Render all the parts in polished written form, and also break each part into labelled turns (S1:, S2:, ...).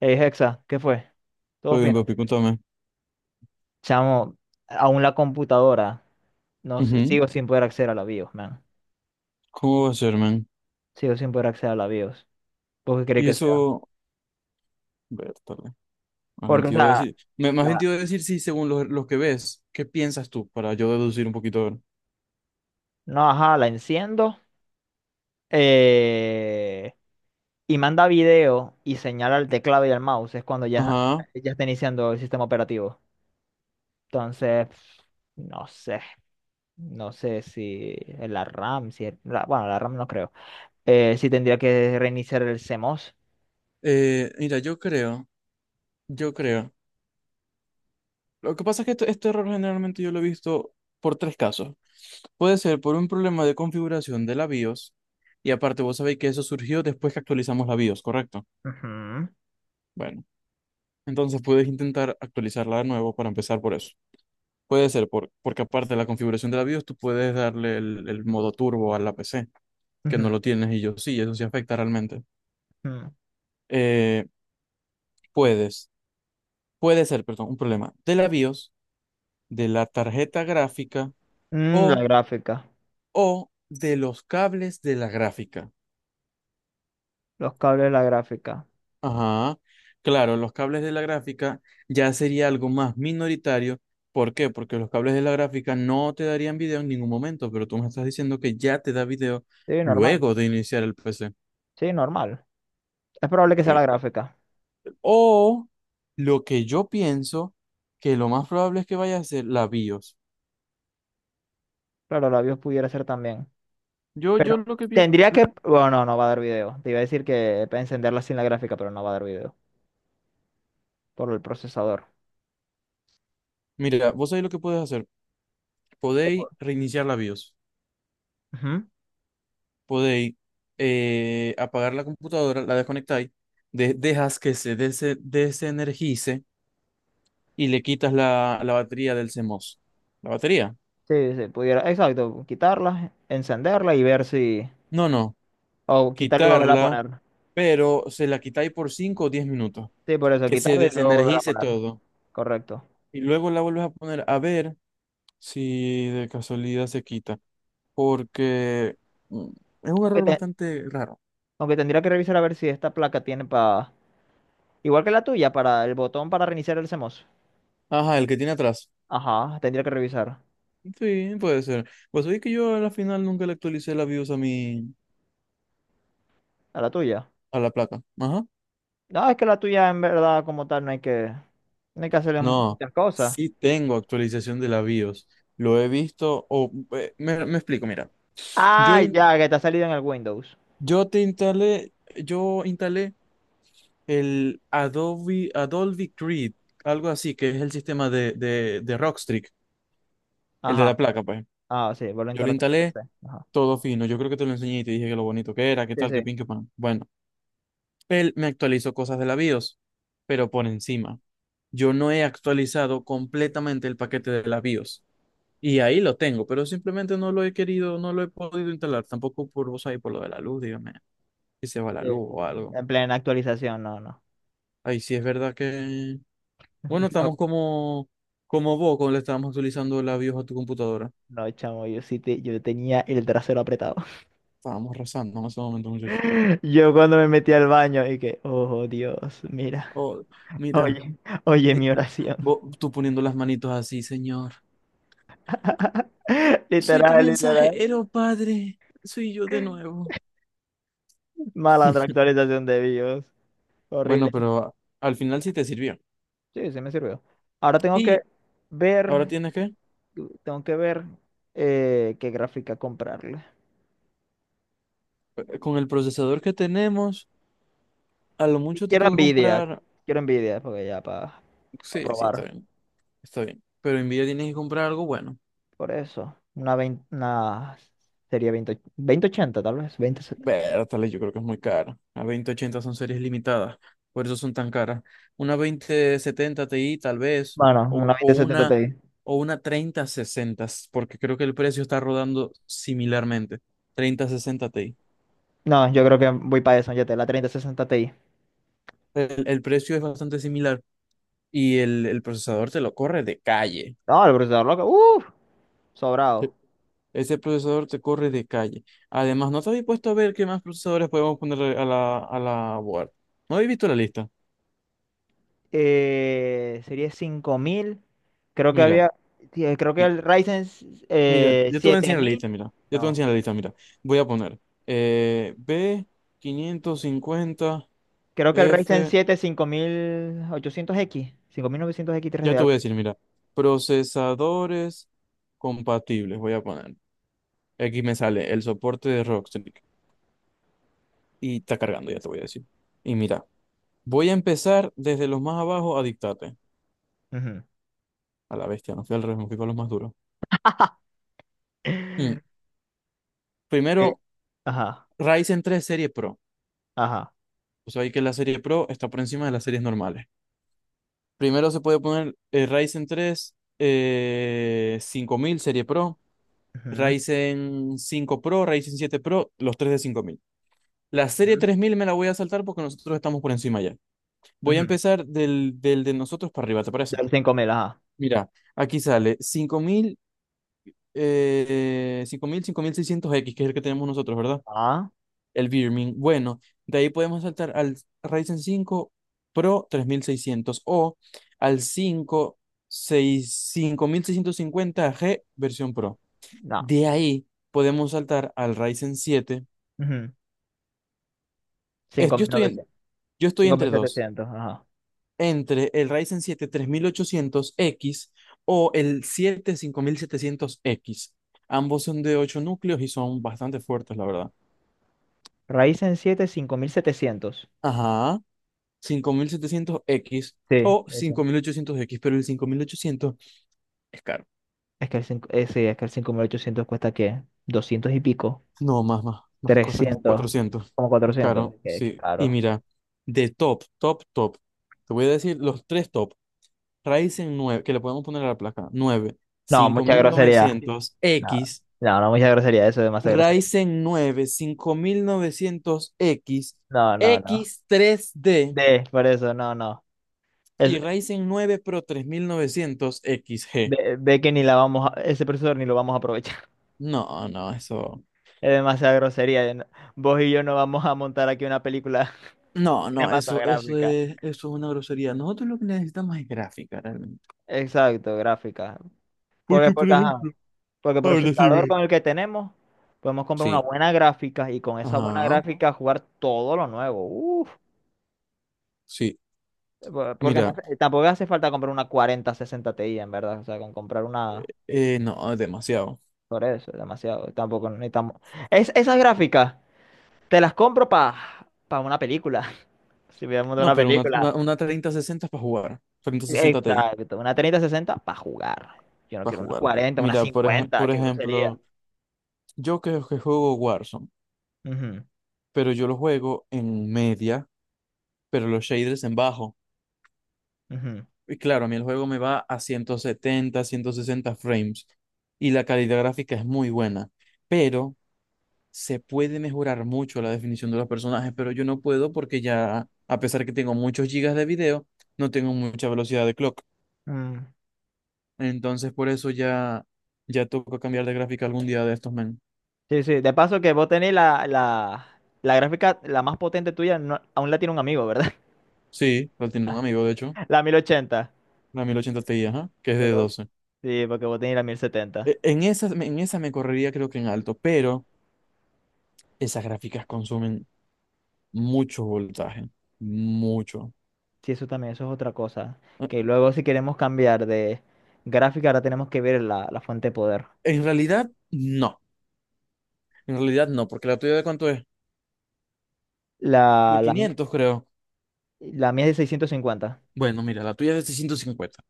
S1: Hey, Hexa, ¿qué fue? ¿Todo
S2: Todo bien,
S1: fino?
S2: papi, contame.
S1: Chamo, aún la computadora, no sé,
S2: Ujú.
S1: sigo sin poder acceder a la BIOS, man.
S2: ¿Cómo va a ser, man?
S1: Sigo sin poder acceder a la BIOS. ¿Por qué crees
S2: Y
S1: que sea?
S2: eso, vértale,
S1: Porque, o sea,
S2: más bien te
S1: la-
S2: iba a decir, sí, según los que ves, ¿qué piensas tú? Para yo deducir un poquito. A
S1: no, ajá, la enciendo eh, y manda video y señala el teclado y el mouse, es cuando ya,
S2: Ajá.
S1: ya está iniciando el sistema operativo. Entonces, no sé, no sé si es la RAM, si es- la- bueno, la RAM no creo. Si tendría que reiniciar el CMOS.
S2: Mira, yo creo. Lo que pasa es que este error generalmente yo lo he visto por tres casos. Puede ser por un problema de configuración de la BIOS, y aparte vos sabéis que eso surgió después que actualizamos la BIOS, ¿correcto?
S1: Ujú,
S2: Bueno, entonces puedes intentar actualizarla de nuevo para empezar por eso. Puede ser, porque aparte de la configuración de la BIOS, tú puedes darle el modo turbo a la PC, que no
S1: ujú.
S2: lo tienes y yo sí, eso sí afecta realmente.
S1: Mm.
S2: Eh, puedes, puede ser, perdón, un problema de la BIOS, de la tarjeta gráfica
S1: Mm, la
S2: o,
S1: gráfica.
S2: o de los cables de la gráfica.
S1: Los cables de la gráfica.
S2: Ajá, claro, los cables de la gráfica ya sería algo más minoritario. ¿Por qué? Porque los cables de la gráfica no te darían video en ningún momento, pero tú me estás diciendo que ya te da video
S1: Sí, normal.
S2: luego de iniciar el PC.
S1: Sí, normal. Es probable que sea la
S2: Ok.
S1: gráfica.
S2: O lo que yo pienso, que lo más probable es que vaya a ser la BIOS.
S1: Claro, la BIOS pudiera ser también.
S2: Yo
S1: Pero
S2: lo que pienso,
S1: tendría que... Bueno, no, no va a dar video. Te iba a decir que para encenderla sin la gráfica, pero no va a dar video. Por el procesador.
S2: mira, vos sabéis lo que podéis hacer.
S1: Que
S2: Podéis
S1: por-
S2: reiniciar la BIOS.
S1: Ujú.
S2: Podéis apagar la computadora, la desconectáis, dejas que se desenergice y le quitas la batería del CMOS. ¿La batería?
S1: Sí, sí, pudiera. Exacto. Quitarla, encenderla y ver si...
S2: No, no,
S1: O quitarla y volverla a
S2: quitarla,
S1: poner.
S2: pero se la quitáis por 5 o 10 minutos.
S1: Sí, por eso,
S2: Que se
S1: quitarla y luego volver a
S2: desenergice
S1: poner.
S2: todo.
S1: Correcto.
S2: Y luego la vuelves a poner a ver si de casualidad se quita, porque mm, es un
S1: Aunque,
S2: error
S1: te-
S2: bastante raro.
S1: aunque tendría que revisar a ver si esta placa tiene para igual que la tuya, para el botón para reiniciar el CMOS.
S2: Ajá, el que tiene atrás.
S1: Ajá, tendría que revisar.
S2: Sí, puede ser. Pues oye que yo a la final nunca le actualicé la BIOS a mi,
S1: A la tuya.
S2: a la placa. Ajá.
S1: No, es que la tuya en verdad como tal no hay que, no hay que hacerle
S2: No,
S1: muchas cosas.
S2: sí tengo actualización de la BIOS. Lo he visto, o me explico, mira. Yo,
S1: Ah,
S2: in-
S1: ya, que te ha salido en el Windows.
S2: yo te instalé, yo instalé el Adobe, Adobe Creed, algo así, que es el sistema de Rockstrix, el de
S1: Ajá.
S2: la placa, pues.
S1: Ah, sí, vuelvo a
S2: Yo lo
S1: instalaste en tu
S2: instalé.
S1: PC. Ajá.
S2: Todo fino. Yo creo que te lo enseñé y te dije que lo bonito que era, qué
S1: Sí,
S2: tal,
S1: sí.
S2: qué pin, qué pan. Bueno, él me actualizó cosas de la BIOS, pero por encima. Yo no he actualizado completamente el paquete de la BIOS. Y ahí lo tengo, pero simplemente no lo he querido, no lo he podido instalar. Tampoco por vos ahí, por lo de la luz, dígame, si se va la
S1: Sí.
S2: luz o algo.
S1: En plena actualización, no, no.
S2: Ahí sí es verdad que... Bueno, estamos como, como vos cuando le estábamos actualizando la BIOS a tu computadora.
S1: No, no, chamo, yo tenía el trasero apretado.
S2: Estábamos rezando en ese momento, muchachos.
S1: Yo cuando me metí al baño y que, oh Dios, mira,
S2: Oh, mira,
S1: oye, oye
S2: eh,
S1: mi oración.
S2: vos, tú poniendo las manitos así, señor. Soy tu
S1: Literal, literal.
S2: mensajero, padre. Soy yo de nuevo.
S1: Malandra actualización de BIOS.
S2: Bueno,
S1: Horrible.
S2: pero al final sí te sirvió.
S1: Sí, sí me sirvió. Ahora
S2: Y ahora
S1: ver,
S2: tienes que,
S1: tengo que ver qué gráfica comprarle.
S2: con el procesador que tenemos, a lo
S1: Y
S2: mucho te
S1: quiero
S2: toca
S1: Nvidia,
S2: comprar.
S1: quiero Nvidia, porque ya para
S2: Sí, sí, está
S1: probar.
S2: bien, está bien. Pero Nvidia tienes que comprar algo bueno.
S1: Por eso, 20 una sería veinte veinte ochenta tal vez, 2070.
S2: Bertale, yo creo que es muy caro. A 2080 son series limitadas, por eso son tan caras. Una 2070 Ti tal vez,
S1: Bueno, una
S2: o, o
S1: veinte setenta
S2: una,
S1: Ti.
S2: o una 3060, porque creo que el precio está rodando similarmente. 3060 Ti.
S1: No, yo creo que voy para eso, ya te la treinta sesenta Ti.
S2: El precio es bastante similar y el procesador te lo corre de calle.
S1: No, el procesador loco, uff, sobrado.
S2: Sí. Ese procesador te corre de calle. Además, no te habéis puesto a ver qué más procesadores podemos ponerle a a la board. ¿No habéis visto la lista?
S1: Sería cinco mil. Creo que
S2: Mira,
S1: había, sí, creo que
S2: mi-
S1: el Ryzen
S2: mira, yo te voy a
S1: siete
S2: enseñar la
S1: mil.
S2: lista, mira. Yo te voy a
S1: No,
S2: enseñar la lista, mira. Voy a poner
S1: creo
S2: B550F.
S1: que el Ryzen 7 5800X, novecientos x tres
S2: Ya
S1: de
S2: te
S1: algo.
S2: voy a decir, mira. Procesadores compatibles, voy a poner. Aquí me sale el soporte de Rockstrix. Y está cargando, ya te voy a decir. Y mira, voy a empezar desde los más abajo a dictarte.
S1: Ujú.
S2: A la bestia, no fui al revés, me fui con los más duros. Mm.
S1: Eh,
S2: Primero,
S1: Ajá,
S2: Ryzen 3 Serie Pro.
S1: ajá.
S2: O sea, hay que la Serie Pro está por encima de las series normales. Primero se puede poner Ryzen 3 5000 Serie Pro,
S1: Ujú,
S2: Ryzen 5 Pro, Ryzen 7 Pro, los tres de 5000. La serie
S1: ujú,
S2: 3000 me la voy a saltar porque nosotros estamos por encima ya. Voy a
S1: ujú.
S2: empezar del de nosotros para arriba, ¿te parece?
S1: Del 5000, ajá.
S2: Mira, aquí sale 5600X que es el que tenemos nosotros, ¿verdad?
S1: Ah,
S2: El Birmin. Bueno, de ahí podemos saltar al Ryzen 5 Pro 3600 o al 5650G versión Pro.
S1: no.
S2: De ahí podemos saltar al Ryzen siete.
S1: Ujú.
S2: Es-
S1: Cinco
S2: yo
S1: mil
S2: estoy en-
S1: novecientos,
S2: yo estoy
S1: cinco mil
S2: entre dos,
S1: setecientos, ajá.
S2: entre el Ryzen 7 3800X o el 7 5700X. Ambos son de 8 núcleos y son bastante fuertes, la verdad.
S1: Ryzen siete cinco mil setecientos.
S2: Ajá. 5700X
S1: Sí,
S2: o
S1: eso.
S2: 5800X, pero el 5800 es caro.
S1: Es que el 5 sí, es que el 5800 cuesta, ¿qué? Doscientos y pico.
S2: No, más cuesta como
S1: Trescientos,
S2: 400.
S1: como
S2: Es
S1: cuatrocientos.
S2: caro,
S1: Qué, qué
S2: sí. Y
S1: caro.
S2: mira, de top, top, top. Te voy a decir los tres top. Ryzen 9 que le podemos poner a la placa, nueve
S1: No,
S2: cinco
S1: mucha
S2: mil
S1: grosería.
S2: novecientos
S1: No,
S2: x
S1: no, no, mucha grosería. Eso es demasiada grosería.
S2: Ryzen nueve cinco mil novecientos x
S1: No, no, no.
S2: x tres d
S1: De, por eso, no, no. Es,
S2: y Ryzen 9 Pro
S1: ve,
S2: 3900XG.
S1: ve que ni la vamos a, ese profesor ni lo vamos a aprovechar.
S2: No, no, eso.
S1: Es demasiada grosería. Yo no- Vos y yo no vamos a montar aquí una película
S2: No, no, eso,
S1: cinematográfica.
S2: eso es una grosería. Nosotros lo que necesitamos es gráfica, realmente.
S1: Exacto, gráfica. Porque,
S2: Porque, por
S1: porque, ajá.
S2: ejemplo,
S1: Porque el
S2: a ver,
S1: procesador
S2: decime.
S1: con el que tenemos, podemos comprar una
S2: Sí,
S1: buena gráfica y con esa buena
S2: ajá,
S1: gráfica jugar todo lo nuevo. Uf,
S2: sí.
S1: porque no
S2: Mira,
S1: tampoco hace falta comprar una cuarenta, sesenta Ti, en verdad. O sea, con comprar una
S2: no, es demasiado.
S1: por eso, es demasiado. Tampoco necesitamos. Esas gráficas, te las compro para pa una película. Si viéramos de
S2: No,
S1: una
S2: pero
S1: película.
S2: una 3060 es para jugar. 3060 Ti
S1: Exacto. Una treinta sesenta para jugar. Yo no
S2: para
S1: quiero una
S2: jugar.
S1: 40, una
S2: Mira,
S1: 50,
S2: por
S1: qué grosería.
S2: ejemplo, yo que juego Warzone,
S1: Ujú,
S2: pero yo lo juego en media, pero los shaders en bajo.
S1: ujú.
S2: Y claro, a mí el juego me va a 170 160 frames y la calidad gráfica es muy buena. Pero se puede mejorar mucho la definición de los personajes, pero yo no puedo porque ya, a pesar que tengo muchos gigas de video, no tengo mucha velocidad de clock.
S1: Mm.
S2: Entonces, por eso ya, ya toca cambiar de gráfica algún día de estos, men.
S1: Sí, sí. De paso que vos tenés la gráfica, la más potente tuya, no- aún la tiene un amigo, ¿verdad?
S2: Sí, la tiene un amigo, de hecho,
S1: La 1080.
S2: la 1080 Ti, ajá, que es de
S1: Porque vos-
S2: 12.
S1: sí, porque vos tenés la mil setenta.
S2: En esa me correría creo que en alto, pero esas gráficas consumen mucho voltaje, mucho.
S1: Sí, eso también, eso es otra cosa.
S2: Eh,
S1: Que luego si queremos cambiar de gráfica, ahora tenemos que ver la fuente de poder.
S2: En realidad, no. En realidad no, porque la tuya, ¿de cuánto es?
S1: La,
S2: De
S1: la, mi-
S2: 500 creo.
S1: la mía es de 650.
S2: Bueno, mira, la tuya es de 650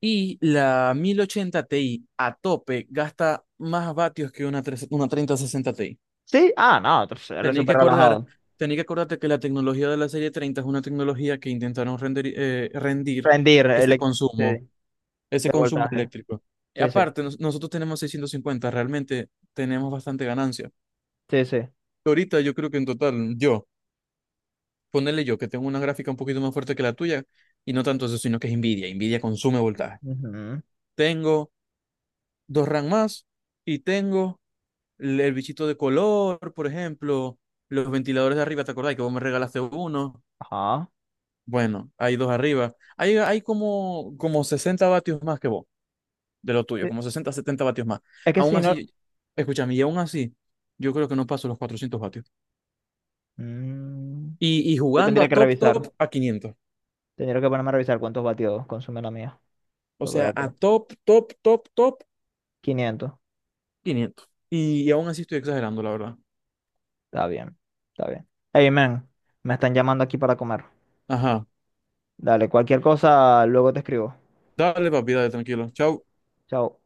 S2: y la 1080 Ti a tope gasta más vatios que una 3060 Ti.
S1: Sí, ah, no, entonces, eres
S2: Tenéis que
S1: súper
S2: acordar,
S1: relajado.
S2: tenéis que acordarte que la tecnología de la serie 30 es una tecnología que intentaron rendir ese
S1: Sí,
S2: consumo, ese
S1: de
S2: consumo
S1: voltaje.
S2: eléctrico. Y
S1: Sí, sí,
S2: aparte, nosotros tenemos 650, realmente tenemos bastante ganancia.
S1: sí, sí.
S2: Ahorita yo creo que en total, yo, ponerle yo, que tengo una gráfica un poquito más fuerte que la tuya, y no tanto eso, sino que es Nvidia. Nvidia consume voltaje.
S1: Ujú.
S2: Tengo dos RAM más y tengo el bichito de color, por ejemplo, los ventiladores de arriba, ¿te acordás que vos me regalaste uno?
S1: Ajá.
S2: Bueno, hay dos arriba. Hay como, como 60 vatios más que vos, de lo tuyo,
S1: Sí,
S2: como 60 70 vatios más.
S1: es que
S2: Aún
S1: si no...
S2: así, escúchame, y aún así, yo creo que no paso los 400 vatios.
S1: Mm,
S2: Y
S1: yo
S2: jugando a
S1: tendría que
S2: top,
S1: revisar.
S2: top, a 500.
S1: Tendría que ponerme a revisar cuántos vatios consume la mía.
S2: O
S1: Porque verá
S2: sea,
S1: que
S2: a top, top, top, top,
S1: 500,
S2: 500. Y aún así estoy exagerando, la verdad.
S1: está bien, está bien. Hey, man, me están llamando aquí para comer.
S2: Ajá.
S1: Dale, cualquier cosa, luego te escribo.
S2: Dale, papi, dale, tranquilo. Chao.
S1: Chao.